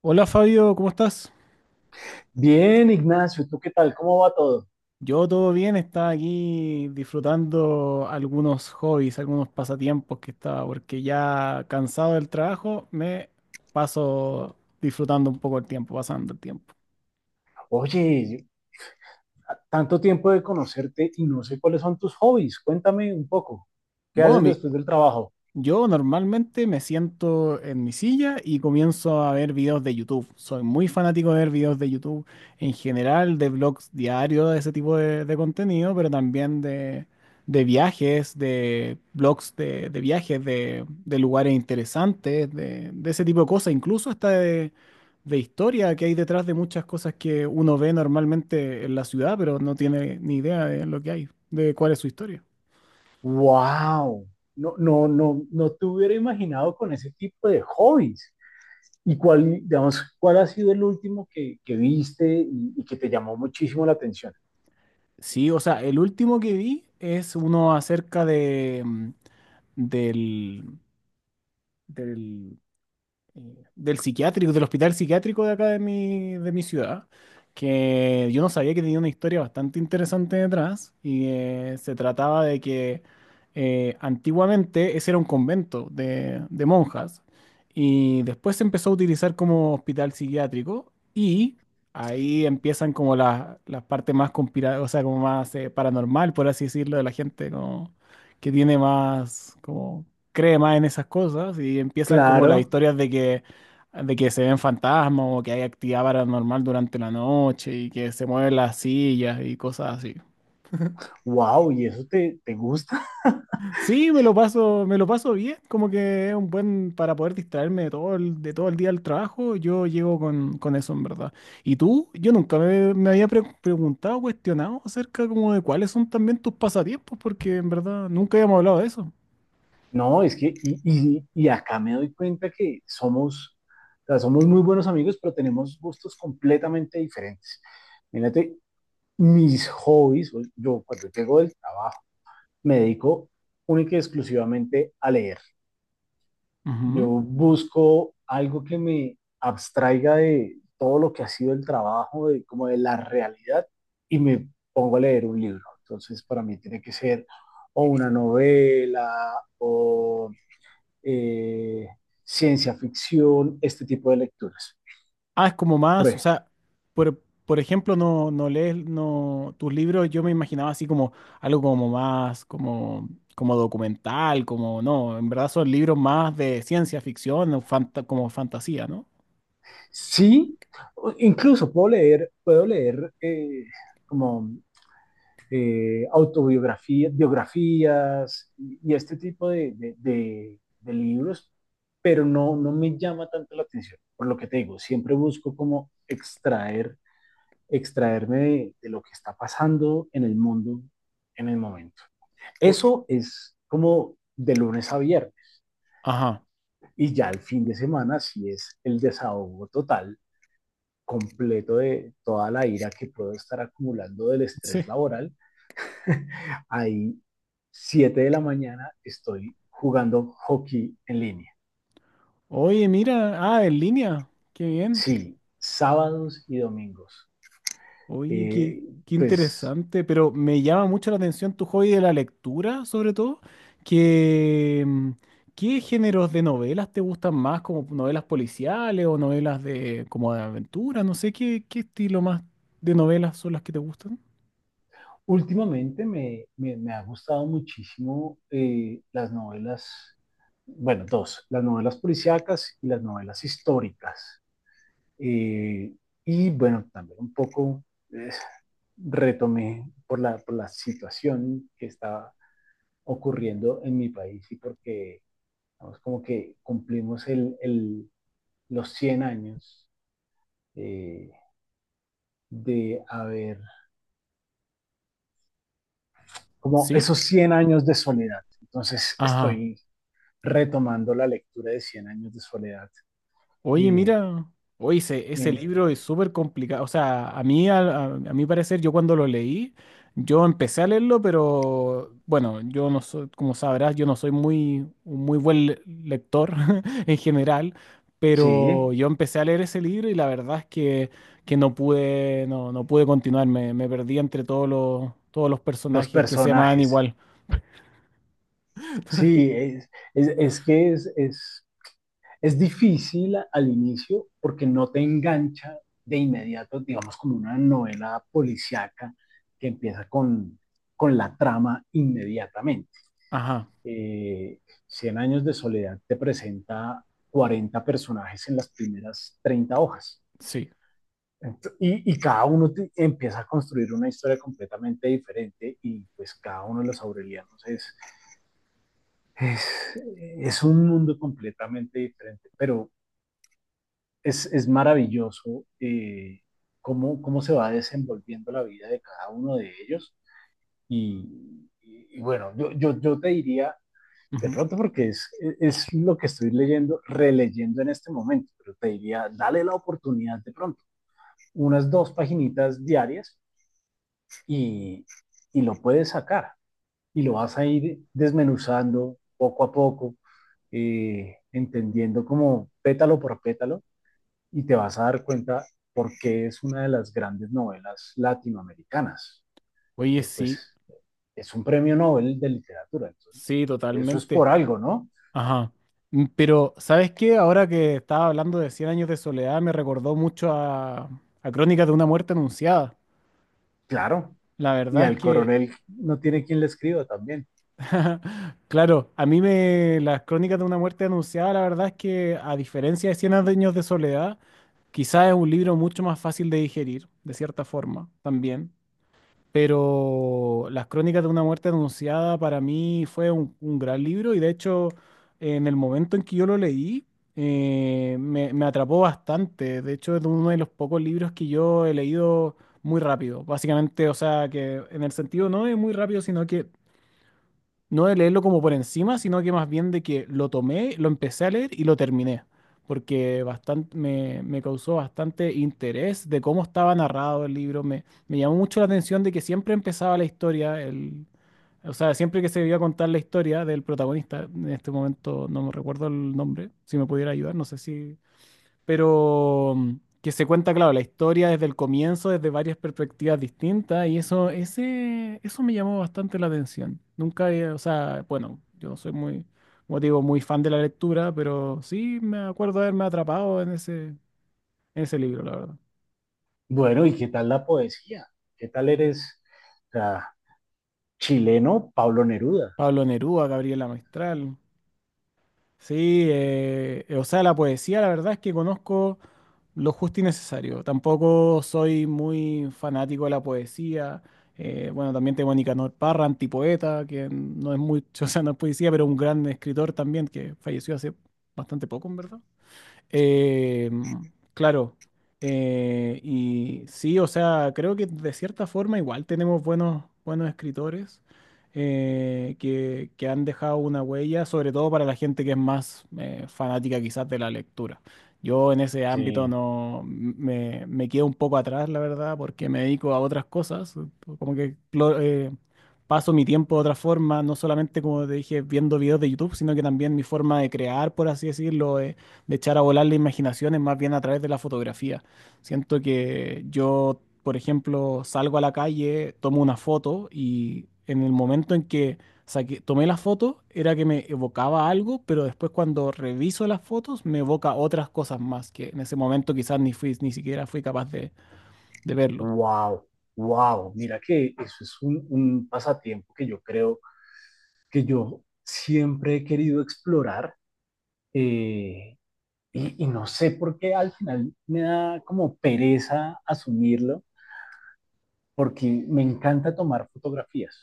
Hola Fabio, ¿cómo estás? Bien, Ignacio, ¿tú qué tal? ¿Cómo va todo? Yo todo bien, estaba aquí disfrutando algunos hobbies, algunos pasatiempos que estaba, porque ya cansado del trabajo me paso disfrutando un poco el tiempo, pasando el tiempo. Oye, tanto tiempo de conocerte y no sé cuáles son tus hobbies. Cuéntame un poco. ¿Qué Bueno, haces después del trabajo? yo normalmente me siento en mi silla y comienzo a ver videos de YouTube. Soy muy fanático de ver videos de YouTube en general, de blogs diarios, de ese tipo de contenido, pero también de viajes, de blogs de viajes, de lugares interesantes, de ese tipo de cosas, incluso hasta de historia que hay detrás de muchas cosas que uno ve normalmente en la ciudad, pero no tiene ni idea de lo que hay, de cuál es su historia. ¡Wow! No, no, no, no te hubiera imaginado con ese tipo de hobbies. ¿Y cuál, digamos, cuál ha sido el último que viste y que te llamó muchísimo la atención? Sí, o sea, el último que vi es uno acerca de, mm, del, del, del psiquiátrico, del hospital psiquiátrico de acá de mi ciudad, que yo no sabía que tenía una historia bastante interesante detrás y se trataba de que antiguamente ese era un convento de monjas y después se empezó a utilizar como hospital psiquiátrico y ahí empiezan como las partes más o sea, como más paranormal, por así decirlo, de la gente como que tiene más como cree más en esas cosas y empiezan como las Claro. historias de que, se ven fantasmas o que hay actividad paranormal durante la noche y que se mueven las sillas y cosas así. ¡Wow! ¿Y eso te gusta? Sí, me lo paso bien, como que es un buen para poder distraerme de todo el día del trabajo, yo llego con eso en verdad. ¿Y tú? Yo nunca me había preguntado, cuestionado acerca como de cuáles son también tus pasatiempos, porque en verdad nunca habíamos hablado de eso. No, es que, y acá me doy cuenta que somos, o sea, somos muy buenos amigos, pero tenemos gustos completamente diferentes. Mírate, mis hobbies, yo cuando llego del trabajo, me dedico única y exclusivamente a leer. Yo Ujú. busco algo que me abstraiga de todo lo que ha sido el trabajo, como de la realidad, y me pongo a leer un libro. Entonces, para mí tiene que ser o una novela, o eh, ciencia ficción, este tipo de lecturas. Ah, es como Por más, o ejemplo, sea, por, por ejemplo, no, no lees no, tus libros, yo me imaginaba así como algo como más, como documental, como no, en verdad son libros más de ciencia ficción, o como fantasía, ¿no? sí, incluso puedo leer, puedo leer como autobiografías, biografías y este tipo de libros, pero no me llama tanto la atención. Por lo que te digo, siempre busco como extraerme de lo que está pasando en el mundo en el momento. O- Eso es como de lunes a viernes. ajá, Y ya el fin de semana sí es el desahogo total, completo de toda la ira que puedo estar acumulando del estrés sí. laboral. Ahí, 7 de la mañana, estoy jugando hockey en línea. Oye, mira, ah, en línea, qué bien. Sí, sábados y domingos. Oye, Eh, qué pues interesante, pero me llama mucho la atención tu hobby de la lectura, sobre todo. que mm, ¿Qué géneros de novelas te gustan más, como novelas policiales o novelas de como de aventura? No sé qué estilo más de novelas son las que te gustan. últimamente me ha gustado muchísimo las novelas, bueno, dos, las novelas policíacas y las novelas históricas. Eh, y bueno, también un poco eh, retomé por la situación que estaba ocurriendo en mi país y porque vamos, como que cumplimos los 100 años eh, de haber, como Sí. esos Cien años de soledad. Entonces Ajá. estoy retomando la lectura de Cien años de soledad. Oye, Eh, mira, oye, ese eh, libro es súper complicado. O sea, a mí, a mi parecer, yo cuando lo leí, yo empecé a leerlo, pero bueno, yo no soy, como sabrás, yo no soy muy, un muy buen lector en general, sí, pero yo empecé a leer ese libro y la verdad es que, no pude, no, no pude continuar. Me perdí entre todos los los personajes que se llamaban personajes. igual. Sí, es que es difícil al inicio porque no te engancha de inmediato, digamos, como una novela policiaca que empieza con la trama inmediatamente. Ajá, Eh, Cien años de soledad te presenta 40 personajes en las primeras 30 hojas. sí. Y cada uno empieza a construir una historia completamente diferente y pues cada uno de los aurelianos es, es un mundo completamente diferente, pero es maravilloso cómo se va desenvolviendo la vida de cada uno de ellos. Y bueno, yo te diría, de Ujú. pronto porque es lo que estoy leyendo, releyendo en este momento, pero te diría, dale la oportunidad de pronto, unas 2 paginitas diarias y, y lo puedes sacar y lo vas a ir desmenuzando poco a poco, entendiendo como pétalo por pétalo y te vas a dar cuenta por qué es una de las grandes novelas latinoamericanas. Oye, sí, Pues es un premio Nobel de literatura, entonces sí, eso es totalmente. por algo, ¿no? Ajá. Pero, ¿sabes qué? Ahora que estaba hablando de Cien años de soledad, me recordó mucho a Crónicas de una muerte anunciada. Claro, La y verdad es al que, coronel no tiene quien le escriba también. claro, a mí me, las Crónicas de una muerte anunciada, la verdad es que, a diferencia de Cien años de soledad, quizás es un libro mucho más fácil de digerir, de cierta forma, también. Pero las Crónicas de una muerte anunciada para mí fue un gran libro y de hecho en el momento en que yo lo leí me atrapó bastante. De hecho es uno de los pocos libros que yo he leído muy rápido, básicamente, o sea que en el sentido no es muy rápido, sino que no de leerlo como por encima, sino que más bien de que lo tomé, lo empecé a leer y lo terminé, porque bastante, me causó bastante interés de cómo estaba narrado el libro. Me llamó mucho la atención de que siempre empezaba la historia, o sea, siempre que se iba a contar la historia del protagonista, en este momento no me recuerdo el nombre, si me pudiera ayudar, no sé si pero que se cuenta, claro, la historia desde el comienzo, desde varias perspectivas distintas, y eso me llamó bastante la atención. Nunca, o sea, bueno, yo no soy muy, como te digo, muy fan de la lectura, pero sí me acuerdo de haberme atrapado en ese libro, la verdad. Bueno, ¿y qué tal la poesía? ¿Qué tal eres, o sea, chileno Pablo Neruda? Pablo Neruda, Gabriela Mistral. Sí, o sea, la poesía, la verdad es que conozco lo justo y necesario. Tampoco soy muy fanático de la poesía. Bueno, también tengo a Nicanor Parra, antipoeta, que no es mucho, o sea, no es poesía, pero un gran escritor también que falleció hace bastante poco, en verdad. Eh, claro. Y sí, o sea, creo que de cierta forma igual tenemos buenos, buenos escritores que han dejado una huella, sobre todo para la gente que es más fanática quizás de la lectura. Yo en ese ámbito Sí, no me quedo un poco atrás, la verdad, porque me dedico a otras cosas, como que paso mi tiempo de otra forma, no solamente como te dije, viendo videos de YouTube, sino que también mi forma de crear, por así decirlo, de echar a volar la imaginación es más bien a través de la fotografía. Siento que yo, por ejemplo, salgo a la calle, tomo una foto y en el momento en que tomé la foto era que me evocaba algo, pero después cuando reviso las fotos me evoca otras cosas más que en ese momento quizás ni fui, ni siquiera fui capaz de verlo. wow, wow. Mira que eso es un pasatiempo que yo creo que yo siempre he querido explorar. Eh, y no sé por qué al final me da como pereza asumirlo, porque me encanta tomar fotografías,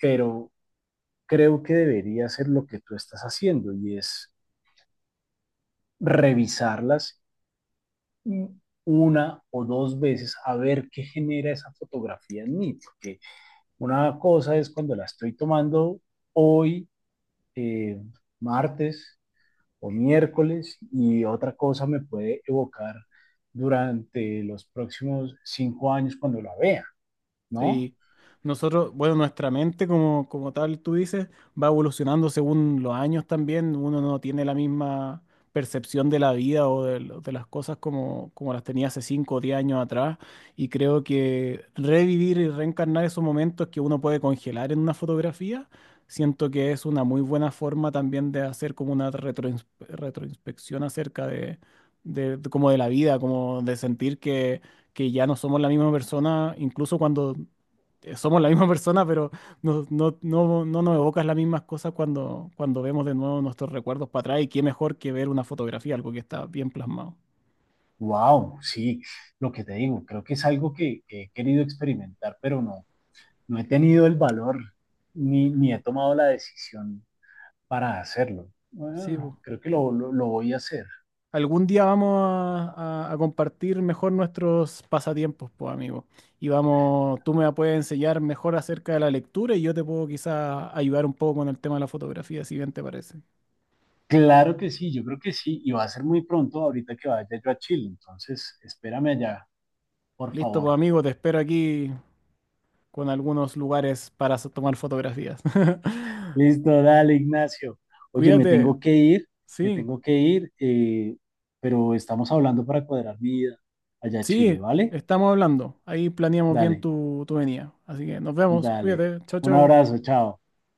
pero creo que debería ser lo que tú estás haciendo y es revisarlas una o dos veces a ver qué genera esa fotografía en mí, porque una cosa es cuando la estoy tomando hoy, eh, martes o miércoles y otra cosa me puede evocar durante los próximos 5 años cuando la vea, ¿no? Sí, nosotros, bueno, nuestra mente como, como tal, tú dices, va evolucionando según los años también. Uno no tiene la misma percepción de la vida o de las cosas como las tenía hace 5 o 10 años atrás. Y creo que revivir y reencarnar esos momentos que uno puede congelar en una fotografía, siento que es una muy buena forma también de hacer como una retroinspección acerca de como de la vida, como de sentir que ya no somos la misma persona, incluso cuando somos la misma persona, pero no, no, no, no nos evocas las mismas cosas cuando vemos de nuevo nuestros recuerdos para atrás y qué mejor que ver una fotografía, algo que está bien plasmado. Wow, sí, lo que te digo, creo que es algo que he querido experimentar, pero no he tenido el valor ni he tomado la decisión para hacerlo. Sí, Bueno, po. creo que lo voy a hacer. Algún día vamos a compartir mejor nuestros pasatiempos, pues, amigo. Y vamos, tú me puedes enseñar mejor acerca de la lectura y yo te puedo quizás ayudar un poco con el tema de la fotografía, si bien te parece. Claro que sí, yo creo que sí, y va a ser muy pronto ahorita que vaya yo a Chile, entonces espérame allá, por Listo, pues, favor. amigo, te espero aquí con algunos lugares para tomar fotografías. Listo, dale, Ignacio. Oye, me Cuídate, tengo que ir, me sí. tengo que ir, pero estamos hablando para cuadrar mi vida allá a Chile, Sí, ¿vale? estamos hablando. Ahí planeamos bien Dale, tu venida. Así que nos vemos. dale. Cuídate. Chao, Un chao. abrazo, chao.